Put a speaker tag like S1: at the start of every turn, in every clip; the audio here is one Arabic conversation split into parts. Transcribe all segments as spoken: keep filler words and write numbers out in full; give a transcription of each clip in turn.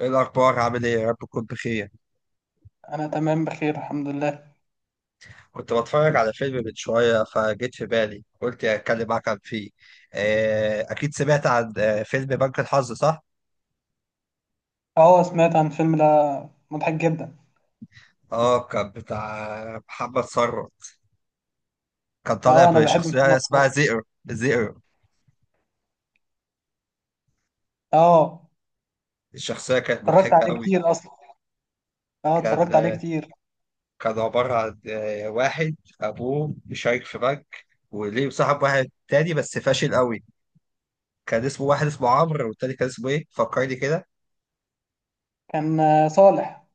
S1: ايه الاخبار، عامل ايه؟ يا رب تكون بخير.
S2: انا تمام بخير، الحمد لله.
S1: كنت بتفرج على فيلم من شويه فجيت في بالي قلت اتكلم معاك عن فيه. آه، اكيد سمعت عن آه، فيلم بنك الحظ صح؟
S2: اه، سمعت عن الفيلم ده. مضحك جدا.
S1: اه كان بتاع محمد ثروت. كان طالع
S2: اه، انا بحب
S1: بشخصيه
S2: محمد
S1: اسمها
S2: صلاح.
S1: زئر زئر.
S2: اه،
S1: الشخصيه كانت
S2: اتفرجت
S1: مضحكه
S2: عليه
S1: قوي.
S2: كتير اصلا. اه،
S1: كان
S2: اتفرجت عليه
S1: آه،
S2: كتير.
S1: كان عباره عن آه، واحد ابوه بيشارك في بنك وليه صاحب واحد تاني بس فاشل قوي. كان اسمه واحد اسمه عمرو، والتاني كان اسمه ايه؟ فكرني كده.
S2: كان آه، صالح.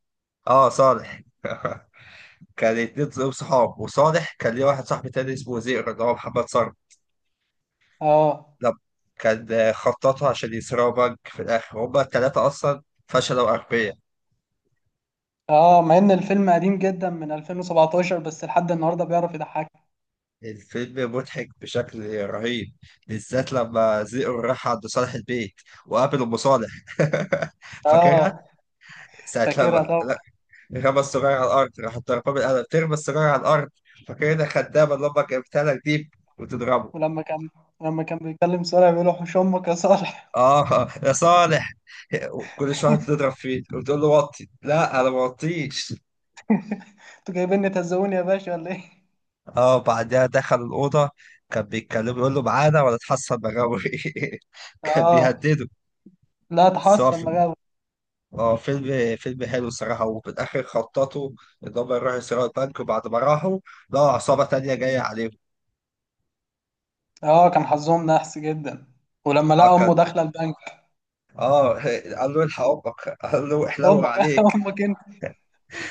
S1: اه صالح كان اتنين دول صحاب، وصالح كان ليه واحد صاحب تاني اسمه زئر اللي هو محمد صالح.
S2: اه
S1: لا، كان خططوا عشان يسرقوا بنك في الآخر هما التلاتة أصلا، فشلوا أغبياء.
S2: اه، مع ان الفيلم قديم جدا من ألفين وسبعتاشر بس لحد النهارده بيعرف يضحك.
S1: الفيلم مضحك بشكل رهيب، بالذات لما زئر راح عند صالح البيت وقابل أم صالح فاكرها؟
S2: اه،
S1: ساعة
S2: فاكرها
S1: لما
S2: طبعا.
S1: لا، رمى السجارة على الأرض راح ضربها بالقلم، ترمى السجارة على الأرض. فاكرها خدامة اللي أمك جابتها لك دي؟ وتضربه.
S2: ولما كان لما كان بيتكلم صالح بيقول له حوش امك يا صالح.
S1: اه يا صالح. كل شويه تضرب فيه وتقول له وطي، لا انا ما وطيش.
S2: انتوا جايبيني تهزقوني يا باشا ولا ايه؟
S1: اه بعدها دخل الاوضه، كان بيتكلم يقول له معانا ولا تحصل بغاوي كان
S2: اه،
S1: بيهدده.
S2: لا
S1: بس هو
S2: تحصل
S1: فيلم.
S2: مجاوب.
S1: اه فيلم فيلم حلو الصراحه. وفي الاخر خططوا ان هم يروحوا يسرقوا البنك، وبعد ما راحوا لقوا عصابه تانيه جايه عليهم.
S2: اه، كان حظهم نحس جدا. ولما
S1: اه
S2: لقى امه
S1: كان.
S2: داخله البنك.
S1: اه قال له الحق امك، قال له احلو
S2: امك.
S1: عليه.
S2: امك.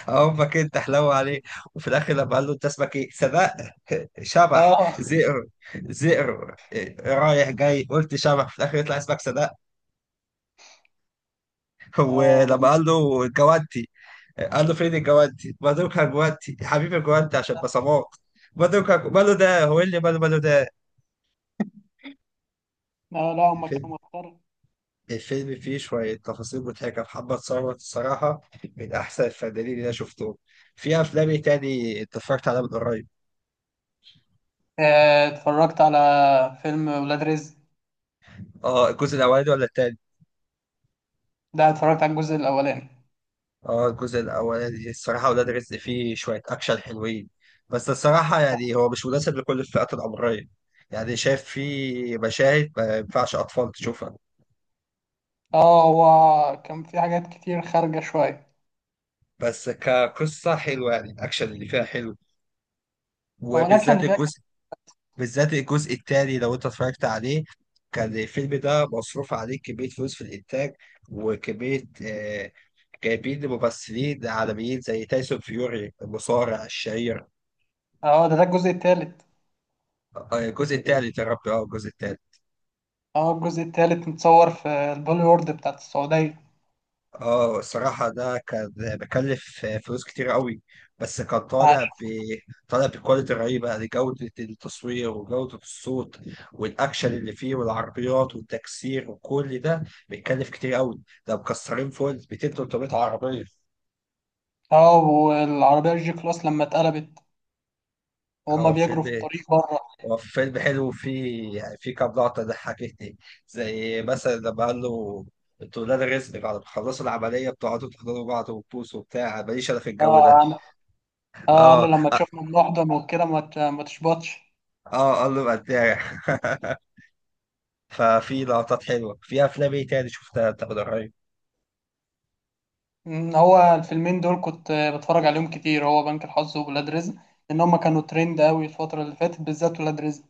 S1: امك انت حلوة عليه. وفي الاخر لما قال له انت اسمك ايه سبق شبح
S2: اه.
S1: زئر. زئر إيه، رايح جاي قلت شبح، في الاخر يطلع اسمك سبق.
S2: اه،
S1: ولما
S2: ولما
S1: قال له جوانتي، قال له فين الجوانتي بدوكها، جوانتي يا حبيبي جوانتي عشان بصمات. بدوكها ماله ده، هو إيه اللي ماله؟ ماله ده.
S2: لا، لا، هما
S1: الفيلم
S2: كانوا مضطر.
S1: الفيلم فيه شوية تفاصيل مضحكة. محمد ثروت الصراحة من أحسن الفنانين اللي أنا شفتهم. في أفلام إيه تاني أنت اتفرجت عليها من قريب؟
S2: آه، اتفرجت على فيلم ولاد رزق.
S1: اه الجزء الأولاني ولا التاني؟
S2: ده اتفرجت على الجزء الاولاني.
S1: اه الجزء الاولاني الصراحه. ولاد رزق فيه شويه اكشن حلوين، بس الصراحه يعني هو مش مناسب لكل الفئات العمريه. يعني شايف فيه مشاهد ما ينفعش اطفال تشوفها.
S2: اه، هو كان في حاجات كتير خارجة شوية.
S1: بس كقصه حلوه، يعني الاكشن اللي فيها حلو.
S2: هو الاكشن
S1: وبالذات
S2: اللي فيها كان-.
S1: الجزء. بالذات الجزء الثاني لو انت اتفرجت عليه، كان الفيلم ده مصروف عليه كميه فلوس في الانتاج، وكميه آه، جايبين ممثلين عالميين زي تايسون فيوري المصارع الشهير.
S2: اه، ده ده الجزء التالت.
S1: آه، الجزء الثالث، يا ربي اه الجزء الثالث.
S2: اه، الجزء التالت متصور في البوليورد بتاعت السعودية.
S1: اه الصراحة ده كان بكلف فلوس كتير قوي. بس كان طالع ب... طالع بكواليتي رهيبة لجودة التصوير وجودة الصوت، والأكشن اللي فيه والعربيات والتكسير وكل ده بيتكلف كتير قوي. ده مكسرين فوق ال ميتين تلت ميه عربية.
S2: اه، والعربية الجي كلاس لما اتقلبت وهما
S1: هو
S2: بيجروا في
S1: فيلم.
S2: الطريق بره.
S1: هو فيلم حلو وفيه يعني فيه كام لقطة ضحكتني. زي مثلا لما قال له انتوا ولاد رزق بعد ما تخلصوا العملية بتقعدوا تحضنوا بعض وتبوسوا وبتاع، ماليش أنا في الجو
S2: اه،
S1: ده.
S2: قال- اه، قال له
S1: اه.
S2: لما تشوفنا بنحضن وكده ما ت- ما تشبطش.
S1: اه قال له بداع ففي لقطات حلوه. في افلام ايه تاني شفتها انت من قريب؟
S2: مم، هو الفيلمين دول كنت بتفرج عليهم كتير، هو بنك الحظ وولاد رزق. لان هما كانوا ترند قوي الفتره اللي فاتت، بالذات ولاد رزق.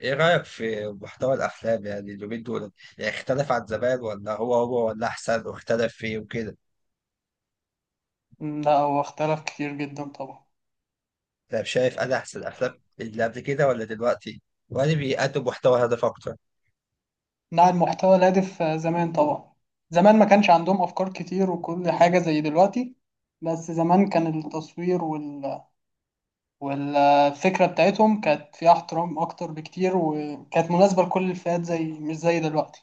S1: ايه رايك في محتوى الافلام يعني اليومين دول؟ يعني اختلف عن زمان، ولا هو هو، ولا احسن واختلف فيه وكده؟
S2: مم، لا، هو اختلف كتير جدا طبعا.
S1: انت شايف انا احسن الافلام اللي قبل كده ولا دلوقتي؟ ولا بيقدم محتوى هدف اكتر؟
S2: نوع المحتوى الهادف آه، زمان طبعا. زمان ما كانش عندهم افكار كتير وكل حاجه زي دلوقتي. بس زمان كان التصوير وال... والفكره بتاعتهم كانت فيها احترام اكتر بكتير، وكانت مناسبه لكل الفئات، زي مش زي دلوقتي.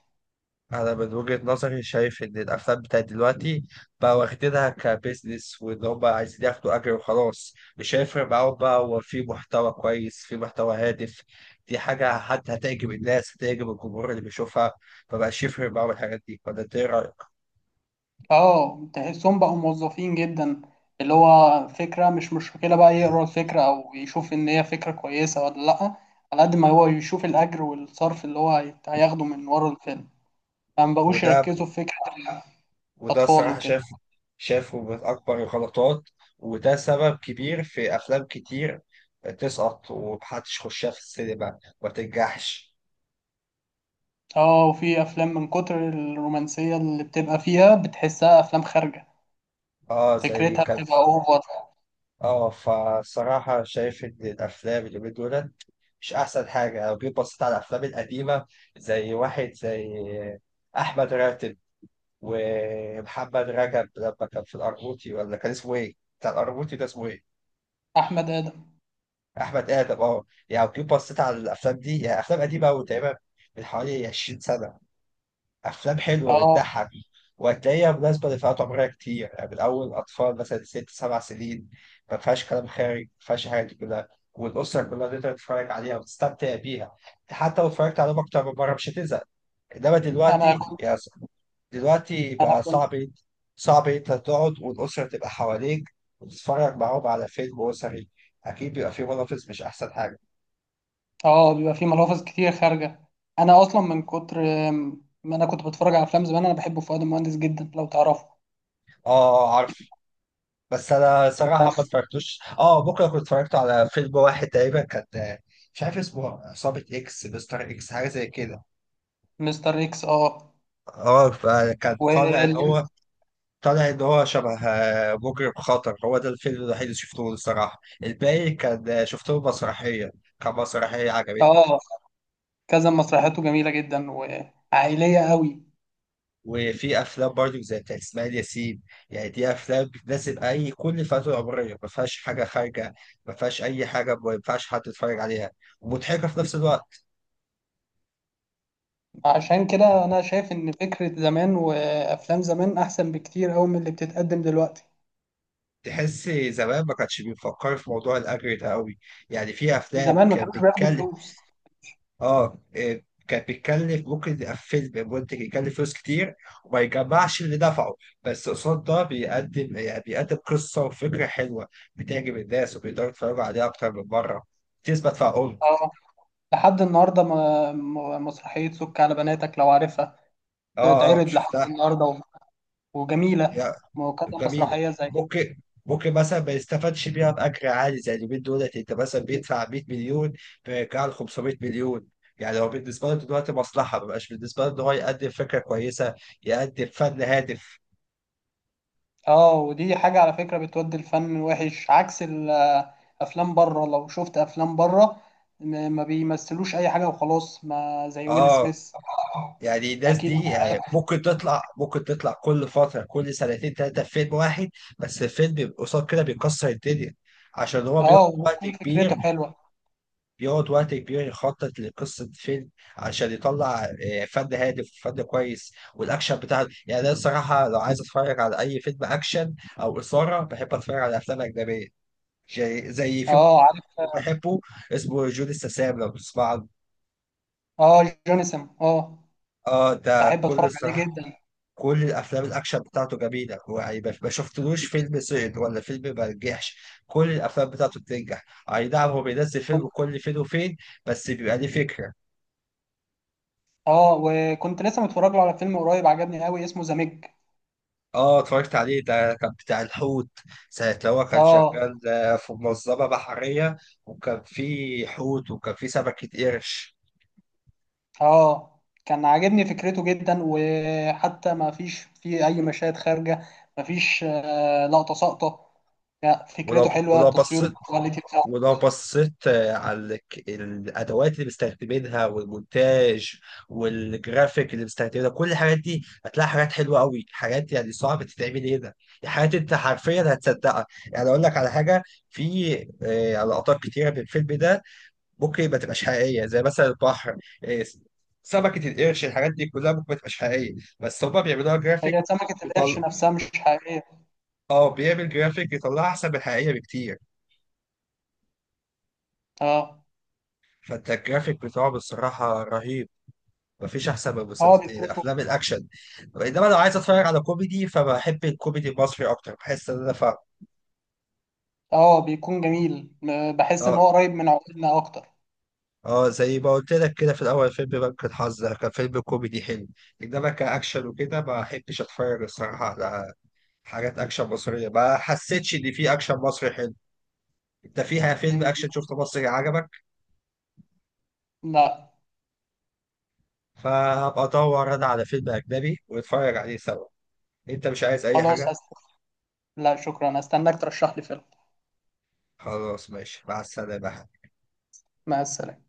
S1: انا من وجهة نظري شايف ان الافلام بتاعت دلوقتي بقى واخدينها كبزنس، وان هم عايزين ياخدوا اجر وخلاص، مش هيفرق معاهم بقى هو في محتوى كويس في محتوى هادف. دي حاجة حتى هتعجب الناس، هتعجب الجمهور اللي بيشوفها. مبقاش يفرق معاهم الحاجات دي، ولا انت ايه رأيك؟
S2: اه، تحسهم بقوا موظفين جدا. اللي هو فكرة، مش مشكلة بقى يقرأ الفكرة أو يشوف إن هي فكرة كويسة ولا لأ. على قد ما هو يشوف الأجر والصرف اللي هو هيت- هياخده من ورا الفيلم. فما بقوش
S1: وده
S2: يركزوا في فكرة
S1: وده
S2: الأطفال
S1: الصراحة
S2: وكده.
S1: شايف. شايفه من اكبر الغلطات. وده سبب كبير في افلام كتير تسقط ومحدش يخشها في السينما، ما تنجحش.
S2: اه، وفي أفلام من كتر الرومانسية اللي بتبقى فيها بتحسها أفلام خارجة.
S1: اه زي
S2: فكرتها
S1: كان.
S2: بتبقى أوفر.
S1: اه فصراحة شايف إن الأفلام اليومين دول مش أحسن حاجة. لو جيت بصيت على الأفلام القديمة، زي واحد زي أحمد راتب ومحمد رجب لما كان في الأرموطي، ولا كان اسمه إيه؟ بتاع الأرموطي ده اسمه إيه؟
S2: أحمد آدم.
S1: أحمد آدم. أه يعني لو جيت بصيت على الأفلام دي، يعني أفلام قديمة أوي تقريبا من حوالي 20 سنة، افلام حلوه
S2: اه،
S1: بتضحك، وهتلاقيها مناسبه لفئات عمريه كتير، يعني من اول اطفال مثلا ست سبع سنين. ما فيهاش كلام خارج، ما فيهاش الحاجات دي كلها. والاسره كلها تقدر تتفرج عليها وتستمتع بيها. حتى لو اتفرجت عليهم اكتر من مره مش هتزهق. انما
S2: أنا
S1: دلوقتي
S2: كنت
S1: يا س- دلوقتي
S2: أنا
S1: بقى
S2: كنت
S1: صعب. صعب انت تقعد والاسره تبقى حواليك وتتفرج معاهم على فيلم اسري، اكيد بيبقى فيه منافس مش احسن حاجه.
S2: اه، بيبقى فيه ملافظ كتير خارجة. انا اصلا من كتر. آم، ما انا كنت بتفرج على افلام زمان، انا بحب فؤاد المهندس جدا لو تعرفه.
S1: اه عارف. بس انا صراحه ما
S2: عارف.
S1: اتفرجتوش. اه بكره كنت اتفرجت على فيلم واحد تقريبا كان، مش عارف اسمه، عصابه اكس مستر اكس حاجه زي كده.
S2: مستر اكس، اه.
S1: اه فكان طالع ان
S2: و.
S1: هو. طالع ان هو شبه آه، مجرم خطر. هو ده الفيلم الوحيد اللي شفته الصراحه. الباقي كان آه، شفته مسرحيه. كان مسرحيه عجبتني.
S2: اه، كذا مسرحياته جميلة جدا وعائلية قوي.
S1: وفي افلام برضو زي بتاعت اسماعيل ياسين. يعني دي افلام بتناسب اي كل فئه عمريه، ما فيهاش حاجه خارجه، ما فيهاش اي حاجه ما ينفعش حد يتفرج عليها، ومضحكه في نفس الوقت.
S2: عشان كده انا شايف ان فكرة زمان وافلام زمان احسن بكتير قوي من اللي بتتقدم دلوقتي.
S1: تحس زمان ما كانش بيفكر في موضوع الأجر ده قوي. يعني في أفلام
S2: زمان ما
S1: كانت
S2: كانوش بياخدوا
S1: بتتكلم،
S2: فلوس.
S1: آه إيه، كانت بتتكلف. ممكن يبقى فيلم منتج يكلف فلوس كتير وما يجمعش اللي دفعه. بس قصاد ده بيقدم، يعني بيقدم قصة وفكرة حلوة بتعجب الناس، وبيقدروا يتفرجوا عليها أكتر من مرة، تثبت في عقولهم.
S2: اه، لحد النهارده ما ما- مسرحية سك على بناتك لو عارفها.
S1: آه آه
S2: بتتعرض لحد
S1: شفتها.
S2: النهارده و-. وجميلة. وكذا
S1: جميلة.
S2: مسرحية زي.
S1: ممكن. ممكن مثلا ما يستفادش بيها بأجر عالي زي اليومين دولت. أنت مثلا بيدفع 100 مليون فيرجع له 500 مليون. يعني هو بالنسبة له دلوقتي مصلحة، ما بقاش بالنسبة له إن هو يقدم فكرة كويسة، يقدم فن هادف.
S2: اه، ودي حاجة على فكرة بتودي الفن وحش، عكس الأفلام بره. لو شفت أفلام بره، م- ما بيمثلوش أي حاجة وخلاص، ما زي ويل
S1: آه.
S2: سميث.
S1: يعني الناس
S2: أكيد.
S1: دي يعني ممكن تطلع، ممكن تطلع كل فترة كل سنتين ثلاثة في فيلم واحد. بس الفيلم قصاد كده بيكسر الدنيا، عشان هو بياخد
S2: اه،
S1: وقت
S2: وبتكون فكرته
S1: كبير.
S2: حلوة.
S1: بيقعد وقت كبير يخطط لقصة فيلم عشان يطلع آه، فن هادف فن كويس. والأكشن بتاعه، يعني أنا الصراحة لو عايز أتفرج على أي فيلم أكشن أو إثارة، بحب أتفرج على أفلام أجنبية. زي زي فيلم
S2: اه، عارف.
S1: بحبه اسمه جون السسام لو تسمع عنه.
S2: اه، جونسون، اه.
S1: اه ده
S2: بحب
S1: كل
S2: أتفرج عليه
S1: الصراحة.
S2: جدا.
S1: كل الأفلام الأكشن بتاعته جميلة، هو يعني ما ما شفتلوش فيلم سقط ولا فيلم ما نجحش. كل الأفلام بتاعته بتنجح. أي نعم هو بينزل
S2: كنت.
S1: فيلم كل فين وفين، بس بيبقى ليه فكرة.
S2: اه، وكنت لسه متفرج له على فيلم قريب عجبني قوي اسمه ذا ميج.
S1: اه اتفرجت عليه، ده كان بتاع الحوت. ساعة لو هو كان
S2: اه.
S1: شغال آه، في منظمة بحرية. وكان في حوت وكان في سمكة قرش.
S2: اه، كان عاجبني فكرته جدا، وحتى ما فيش فيه اي مشاهد خارجه. ما فيش آه، لقطه ساقطه. لا،
S1: ولو
S2: فكرته حلوه،
S1: ولو
S2: التصوير
S1: بصيت
S2: الكواليتي بتاعته.
S1: ولو بصيت آه، على الك- الأدوات اللي مستخدمينها والمونتاج والجرافيك اللي مستخدمينها. كل الحاجات دي هتلاقي حاجات حلوة قوي، حاجات يعني صعبة تتعمل هنا. حاجات أنت حرفيا هتصدقها. يعني أقول لك على حاجة، في آه، لقطات كتيرة من الفيلم ده ممكن ما تبقاش حقيقيه. زي مثلا البحر، إيه، سمكه القرش، الحاجات دي كلها ممكن ما تبقاش حقيقيه، بس هما بيعملوها جرافيك.
S2: هي سمكه القرش
S1: بيطل...
S2: نفسها مش حقيقيه.
S1: اه بيعمل جرافيك يطلعها احسن من الحقيقيه بكتير.
S2: اه،
S1: فانت الجرافيك بتاعه بصراحه رهيب. مفيش احسن من
S2: هو
S1: مسلسل... إيه،
S2: بيصرفه.
S1: افلام الاكشن. انما لو عايز اتفرج على كوميدي فبحب الكوميدي المصري اكتر، بحس ان انا فاهم.
S2: اه، بيكون جميل. م- بحس ان
S1: اه.
S2: هو قريب من عقولنا اكتر.
S1: اه زي ما قلت لك كده في الاول، فيلم بنك الحظ ده كان فيلم كوميدي حلو. انما كاكشن وكده ما بحبش اتفرج الصراحه على حاجات اكشن مصريه. ما حسيتش ان في اكشن مصري حلو. انت فيها فيلم
S2: مم.
S1: اكشن شفته مصري عجبك؟
S2: لا.
S1: فهبقى ادور انا على فيلم اجنبي ونتفرج عليه سوا. انت مش عايز اي
S2: خلاص
S1: حاجه؟
S2: هست-. لا شكرا، هستناك ترشح لي فيلم.
S1: خلاص ماشي، مع السلامه.
S2: مع السلامه.